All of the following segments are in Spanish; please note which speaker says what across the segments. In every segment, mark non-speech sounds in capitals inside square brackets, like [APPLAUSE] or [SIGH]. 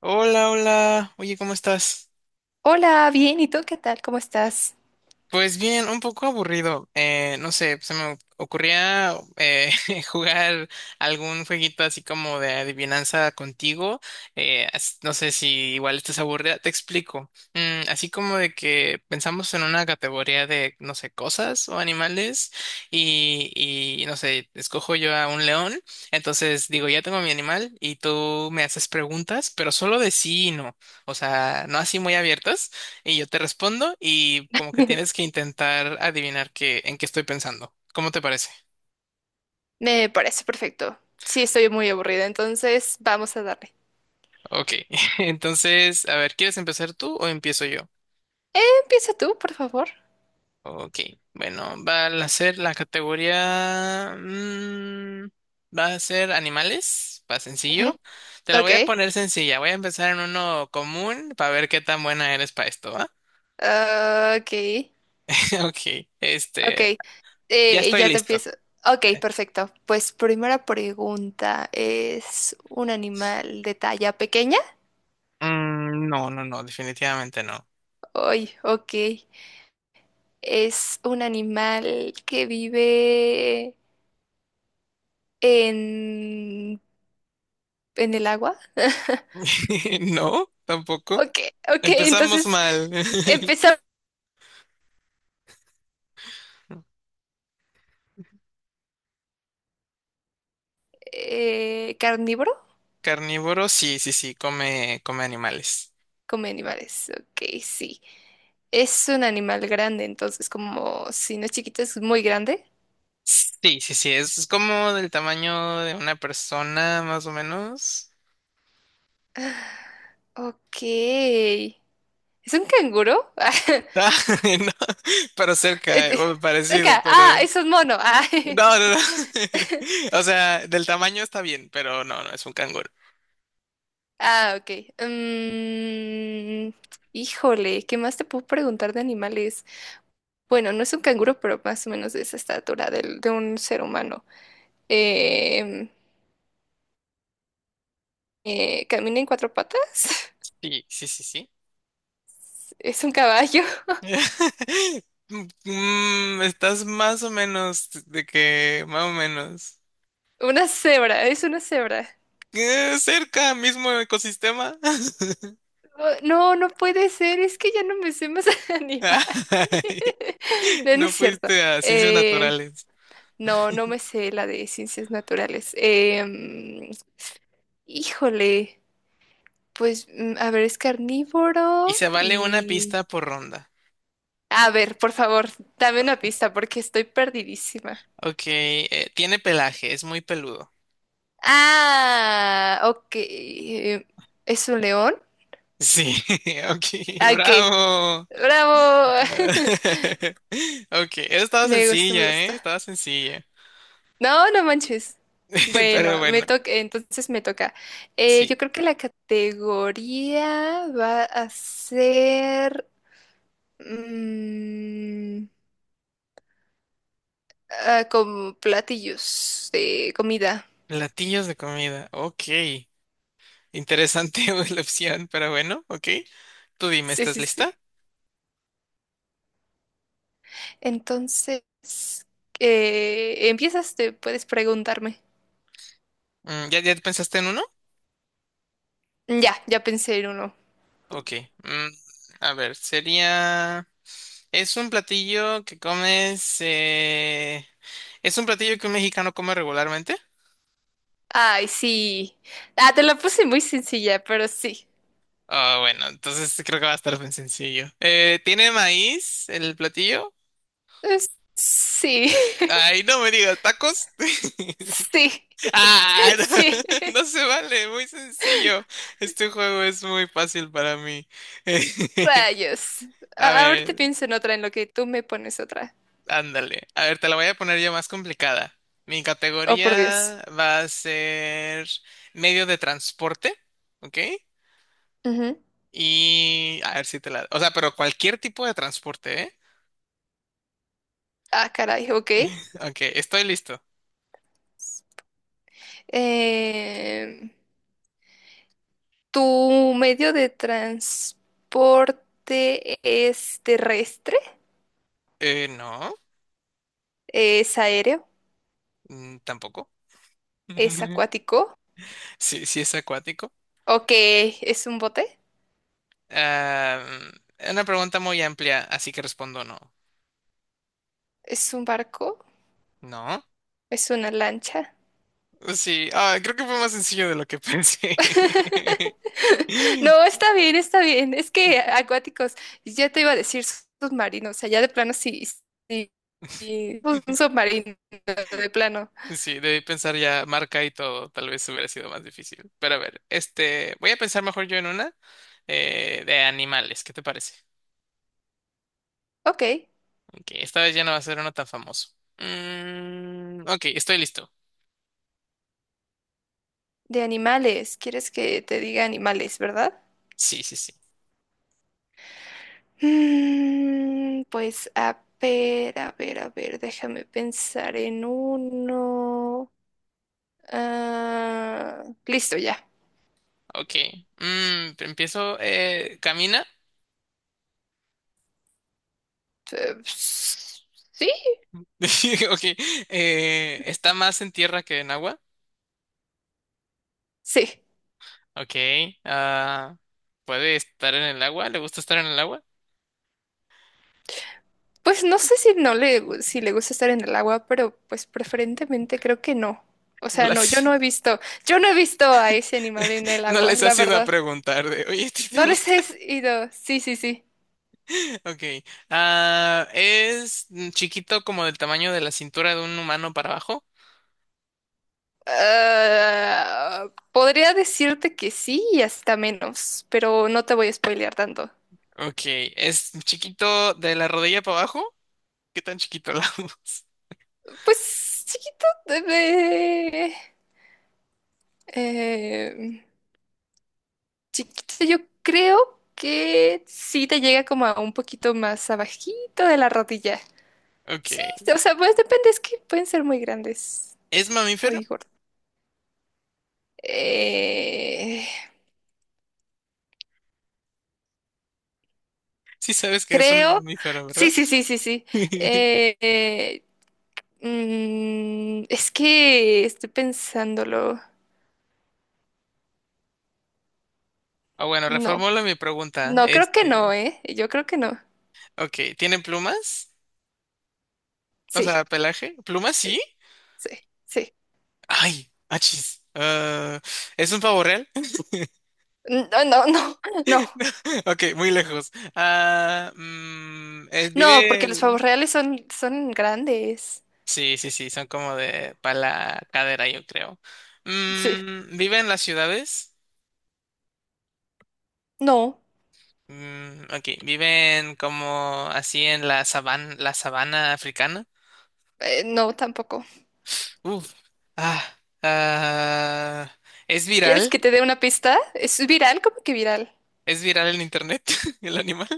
Speaker 1: Hola, hola. Oye, ¿cómo estás?
Speaker 2: Hola, bien, ¿y tú qué tal? ¿Cómo estás?
Speaker 1: Pues bien, un poco aburrido. No sé, se me ocurría [LAUGHS] jugar algún jueguito así como de adivinanza contigo. No sé si igual estás aburrida. Te explico. Así como de que pensamos en una categoría de, no sé, cosas o animales y no sé, escojo yo a un león. Entonces digo, ya tengo mi animal y tú me haces preguntas, pero solo de sí y no. O sea, no así muy abiertas. Y yo te respondo y como que tienes
Speaker 2: [LAUGHS]
Speaker 1: que intentar adivinar qué, en qué estoy pensando. ¿Cómo te parece?
Speaker 2: Me parece perfecto. Sí, estoy muy aburrida, entonces vamos a darle.
Speaker 1: Ok, [LAUGHS] entonces, a ver, ¿quieres empezar tú o empiezo yo?
Speaker 2: Empieza tú, por favor.
Speaker 1: Ok, bueno, va a ser la categoría... va a ser animales, va
Speaker 2: Ujú.
Speaker 1: sencillo. Te la
Speaker 2: Ok,
Speaker 1: voy a poner sencilla, voy a empezar en uno común para ver qué tan buena eres para esto, ¿va?
Speaker 2: ah, ok,
Speaker 1: [LAUGHS] Ok,
Speaker 2: ok.
Speaker 1: este, ya estoy
Speaker 2: Ya te
Speaker 1: listo.
Speaker 2: empiezo. Ok,
Speaker 1: Ya.
Speaker 2: perfecto. Pues primera pregunta, ¿es un animal de talla pequeña?
Speaker 1: No, no, no, definitivamente no.
Speaker 2: Ay, ok. ¿Es un animal que vive en, en el agua? [LAUGHS]
Speaker 1: [LAUGHS] No, tampoco.
Speaker 2: Ok, ok,
Speaker 1: Empezamos
Speaker 2: entonces
Speaker 1: mal. [LAUGHS]
Speaker 2: empezar. ¿Carnívoro?
Speaker 1: Carnívoro, sí, sí, sí, come, come animales.
Speaker 2: Come animales. Ok, sí. Es un animal grande, entonces como si no es chiquito, es muy grande.
Speaker 1: Sí, sí, sí, es como del tamaño de una persona, más o menos. [LAUGHS]
Speaker 2: Ok. ¿Es un canguro?
Speaker 1: Ah,
Speaker 2: [LAUGHS]
Speaker 1: no, pero
Speaker 2: Eh,
Speaker 1: cerca,
Speaker 2: eh,
Speaker 1: o parecido,
Speaker 2: Cerca. Ah,
Speaker 1: pero...
Speaker 2: es un mono. Ah,
Speaker 1: No, no, no. [LAUGHS]
Speaker 2: [LAUGHS]
Speaker 1: O sea, del tamaño está bien, pero no, no, es un canguro.
Speaker 2: ah, ok. Mm, híjole, ¿qué más te puedo preguntar de animales? Bueno, no es un canguro, pero más o menos de esa estatura de un ser humano. Em, ¿Camina en cuatro patas?
Speaker 1: Sí, sí, sí, sí.
Speaker 2: Es un caballo. [LAUGHS]
Speaker 1: [LAUGHS] Estás más o menos de que, más o menos.
Speaker 2: Una cebra, es una cebra.
Speaker 1: Cerca, mismo ecosistema. [LAUGHS]
Speaker 2: No, no puede ser, es que ya no me sé más [LAUGHS] animales.
Speaker 1: Ay,
Speaker 2: [LAUGHS]
Speaker 1: [LAUGHS]
Speaker 2: No, no
Speaker 1: no
Speaker 2: es cierto.
Speaker 1: fuiste a ciencias
Speaker 2: Eh,
Speaker 1: naturales.
Speaker 2: no, no me sé la de ciencias naturales. Em, híjole, pues, mm, a ver, es
Speaker 1: Y
Speaker 2: carnívoro
Speaker 1: se vale una
Speaker 2: y...
Speaker 1: pista por ronda.
Speaker 2: A ver, por favor, dame una pista porque estoy perdidísima.
Speaker 1: Ok, tiene pelaje, es muy peludo.
Speaker 2: Ah, ok. ¿Es un león?
Speaker 1: Sí, [LAUGHS] ok,
Speaker 2: ¿A qué?
Speaker 1: bravo.
Speaker 2: ¡Bravo! [LAUGHS]
Speaker 1: [LAUGHS] Ok, eso estaba
Speaker 2: Me gusta, me
Speaker 1: sencilla, ¿eh?
Speaker 2: gusta.
Speaker 1: Estaba sencilla.
Speaker 2: No, no manches.
Speaker 1: [LAUGHS]
Speaker 2: Bueno,
Speaker 1: Pero
Speaker 2: me
Speaker 1: bueno,
Speaker 2: toca, entonces me toca.
Speaker 1: sí.
Speaker 2: Yo creo que la categoría va a ser, mm, ah, como platillos de comida.
Speaker 1: Platillos de comida, ok. Interesante [LAUGHS] la opción, pero bueno, ok. Tú dime,
Speaker 2: Sí,
Speaker 1: ¿estás
Speaker 2: sí,
Speaker 1: lista?
Speaker 2: sí. Entonces, empiezas, te puedes preguntarme.
Speaker 1: ¿Ya, ya pensaste en uno?
Speaker 2: Ya, ya pensé en uno.
Speaker 1: Ok. mm, a ver, sería... Es un platillo que comes. Es un platillo que un mexicano come regularmente.
Speaker 2: Ay, sí. Ah, te la puse muy sencilla, pero sí.
Speaker 1: Ah, bueno, entonces creo que va a estar bien sencillo. ¿Tiene maíz el platillo?
Speaker 2: Es- sí.
Speaker 1: Ay, no me digas, ¿tacos?
Speaker 2: [LAUGHS]
Speaker 1: [LAUGHS]
Speaker 2: Sí.
Speaker 1: Ah,
Speaker 2: Sí, [LAUGHS]
Speaker 1: no, [LAUGHS] no se vale, muy sencillo. Este juego es muy fácil para mí. [LAUGHS]
Speaker 2: rayos.
Speaker 1: A
Speaker 2: Ahorita
Speaker 1: ver,
Speaker 2: pienso en otra, en lo que tú me pones otra.
Speaker 1: ándale. A ver, te la voy a poner ya más complicada. Mi
Speaker 2: Oh, por Dios.
Speaker 1: categoría va a ser medio de transporte, ¿ok?
Speaker 2: Ujú.
Speaker 1: Y a ver si te la... O sea, pero cualquier tipo de transporte, ¿eh?
Speaker 2: Ah, caray, ok.
Speaker 1: Ok, estoy listo.
Speaker 2: Em, ¿tu medio de transporte es terrestre?
Speaker 1: No,
Speaker 2: ¿Es aéreo?
Speaker 1: tampoco.
Speaker 2: ¿Es
Speaker 1: [LAUGHS]
Speaker 2: acuático?
Speaker 1: Sí, sí es acuático.
Speaker 2: ¿O qué? ¿Es un bote?
Speaker 1: Ah, es una pregunta muy amplia, así que respondo no.
Speaker 2: ¿Es un barco?
Speaker 1: No.
Speaker 2: ¿Es una lancha?
Speaker 1: Sí, ah, creo que fue más sencillo de lo que pensé.
Speaker 2: [LAUGHS] No,
Speaker 1: [LAUGHS]
Speaker 2: está bien, está bien. Es que acuáticos, ya te iba a decir submarinos, o sea, ya de plano sí, sí, sí, pues, un submarino de plano.
Speaker 1: Sí, debí pensar ya marca y todo, tal vez hubiera sido más difícil. Pero a ver, este, voy a pensar mejor yo en una de animales, ¿qué te parece?
Speaker 2: Ok,
Speaker 1: Ok, esta vez ya no va a ser uno tan famoso. Ok, estoy listo.
Speaker 2: de animales, ¿quieres que te diga animales, verdad?
Speaker 1: Sí, sí, sí.
Speaker 2: Mm, pues a ver, a ver, a ver, déjame pensar en uno. Ah, listo, ya.
Speaker 1: Ok. Empiezo. ¿Camina?
Speaker 2: Sí,
Speaker 1: [LAUGHS] Ok. ¿Está más en tierra que en agua?
Speaker 2: sí.
Speaker 1: Ok. ah, ¿Puede estar en el agua? ¿Le gusta estar en el agua?
Speaker 2: Pues no sé si no le, si le gusta estar en el agua, pero pues preferentemente creo que no. O
Speaker 1: No
Speaker 2: sea, no, yo
Speaker 1: las,
Speaker 2: no he visto, yo no he visto a ese animal en el
Speaker 1: [LAUGHS] no
Speaker 2: agua,
Speaker 1: les
Speaker 2: la
Speaker 1: has ido a
Speaker 2: verdad.
Speaker 1: preguntar de, oye, ¿a ti te
Speaker 2: No les
Speaker 1: gusta?
Speaker 2: has
Speaker 1: [LAUGHS]
Speaker 2: ido. Sí, sí, sí.
Speaker 1: Ok. ¿Es chiquito como del tamaño de la cintura de un humano para abajo?
Speaker 2: Ah, podría decirte que sí y hasta menos, pero no te voy a spoilear tanto.
Speaker 1: Ok. ¿Es chiquito de la rodilla para abajo? ¿Qué tan chiquito [LAUGHS] la voz?
Speaker 2: Pues chiquito, eh, eh, chiquito, yo creo que sí te llega como a un poquito más abajito de la rodilla.
Speaker 1: Ok.
Speaker 2: Sí, o sea, pues depende, es que pueden ser muy grandes,
Speaker 1: ¿Es mamífero?
Speaker 2: muy gordos. Eh,
Speaker 1: Sí sabes que es un
Speaker 2: creo,
Speaker 1: mamífero,
Speaker 2: sí,
Speaker 1: ¿verdad?
Speaker 2: sí, sí, sí, sí.
Speaker 1: [LAUGHS]
Speaker 2: Eh, eh, mm, es que estoy pensándolo.
Speaker 1: Ah, bueno,
Speaker 2: No,
Speaker 1: reformulo mi pregunta.
Speaker 2: no, creo que no,
Speaker 1: Este,
Speaker 2: ¿eh? Yo creo que no.
Speaker 1: ok, ¿tienen plumas? O sea,
Speaker 2: Sí,
Speaker 1: pelaje. ¿Plumas sí?
Speaker 2: sí, sí.
Speaker 1: Ay, achis. Ah, ¿es un pavo real? [LAUGHS]
Speaker 2: No, no, no, [LAUGHS] no,
Speaker 1: Ok, muy lejos. Ah,
Speaker 2: no,
Speaker 1: vive
Speaker 2: porque los
Speaker 1: el...
Speaker 2: pavos reales son, son grandes.
Speaker 1: Sí, sí, sí, son como de para la cadera, yo creo.
Speaker 2: Sí,
Speaker 1: ¿Vive en las ciudades?
Speaker 2: no,
Speaker 1: Ok, viven como así en la sabana africana.
Speaker 2: no, tampoco.
Speaker 1: Uf. Ah, ah, es
Speaker 2: ¿Quieres
Speaker 1: viral,
Speaker 2: que te dé una pista? ¿Es viral? ¿Cómo que viral?
Speaker 1: es viral en internet [LAUGHS] el animal.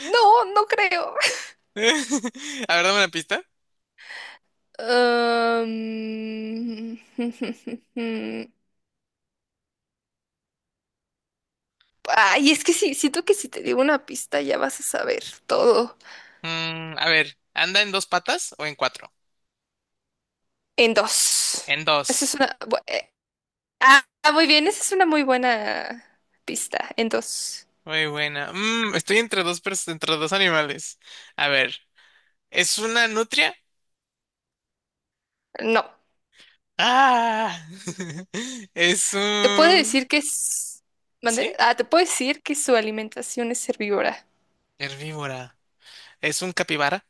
Speaker 2: No, no creo.
Speaker 1: [LAUGHS] A ver, dame una pista.
Speaker 2: Um, [LAUGHS] ay, es que sí, siento que si te digo una pista ya vas a saber todo
Speaker 1: A ver, ¿anda en dos patas o en cuatro?
Speaker 2: en dos.
Speaker 1: En
Speaker 2: Esa es
Speaker 1: dos.
Speaker 2: una... ah, ah, muy bien, esa es una muy buena pista, en dos.
Speaker 1: Muy buena. Estoy entre entre dos animales. A ver, ¿es una nutria?
Speaker 2: No,
Speaker 1: Ah, [LAUGHS] es
Speaker 2: te puedo
Speaker 1: un...
Speaker 2: decir que es... ¿Mande?
Speaker 1: ¿Sí?
Speaker 2: Ah, te puedo decir que su alimentación es herbívora.
Speaker 1: Herbívora. ¿Es un capibara?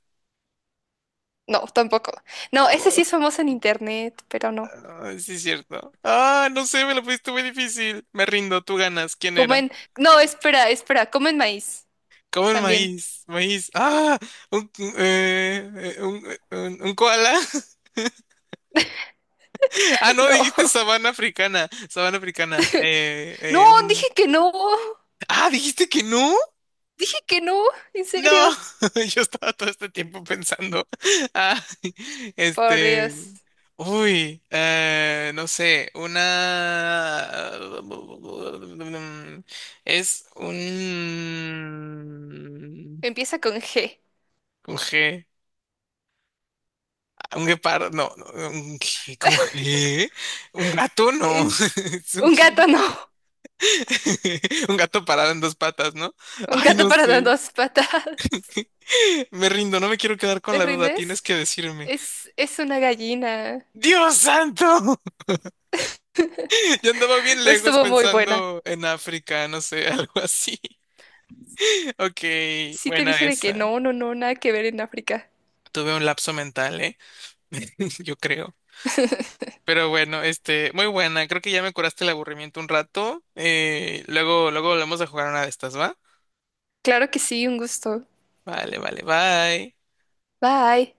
Speaker 2: No, tampoco. No, esa
Speaker 1: Oh.
Speaker 2: sí es famosa en internet, pero no.
Speaker 1: Ay, sí, es cierto. Ah, no sé, me lo pusiste muy difícil. Me rindo, tú ganas. ¿Quién era?
Speaker 2: Comen... No, espera, espera, comen maíz
Speaker 1: Comen
Speaker 2: también.
Speaker 1: maíz, maíz. Ah, un, un koala. [LAUGHS]
Speaker 2: [LAUGHS]
Speaker 1: Ah, no,
Speaker 2: No,
Speaker 1: dijiste sabana africana, sabana africana.
Speaker 2: no, dije
Speaker 1: Un...
Speaker 2: que no.
Speaker 1: Ah, dijiste que no.
Speaker 2: Que no, en
Speaker 1: No,
Speaker 2: serio.
Speaker 1: [LAUGHS] yo estaba todo este tiempo pensando, [LAUGHS] ah,
Speaker 2: Por
Speaker 1: este,
Speaker 2: Dios.
Speaker 1: no sé, una, mm, es un,
Speaker 2: Empieza con G.
Speaker 1: con G. Ah, un guepardo, no, no, un G, con G, un gato, no, [LAUGHS]
Speaker 2: Es
Speaker 1: es un
Speaker 2: un
Speaker 1: G.
Speaker 2: gato, no.
Speaker 1: [LAUGHS] Un gato parado en dos patas, ¿no?
Speaker 2: Un
Speaker 1: Ay,
Speaker 2: gato
Speaker 1: no
Speaker 2: para las
Speaker 1: sé,
Speaker 2: dos patas.
Speaker 1: me rindo, no me quiero quedar con
Speaker 2: ¿Te
Speaker 1: la duda, tienes
Speaker 2: rindes?
Speaker 1: que decirme.
Speaker 2: Es una gallina.
Speaker 1: Dios santo. Yo andaba bien
Speaker 2: Pero
Speaker 1: lejos
Speaker 2: estuvo muy buena.
Speaker 1: pensando en África, no sé, [LAUGHS] algo así. Ok,
Speaker 2: Sí te
Speaker 1: buena
Speaker 2: dije de que
Speaker 1: esa.
Speaker 2: no, no, no, nada que ver en África.
Speaker 1: Tuve un lapso mental, ¿eh? [LAUGHS] Yo creo.
Speaker 2: [LAUGHS]
Speaker 1: Pero bueno, este, muy buena. Creo que ya me curaste el aburrimiento un rato. Luego, luego volvemos a jugar una de estas, ¿va?
Speaker 2: Claro que sí, un gusto.
Speaker 1: Vale, vale, bye.
Speaker 2: Bye.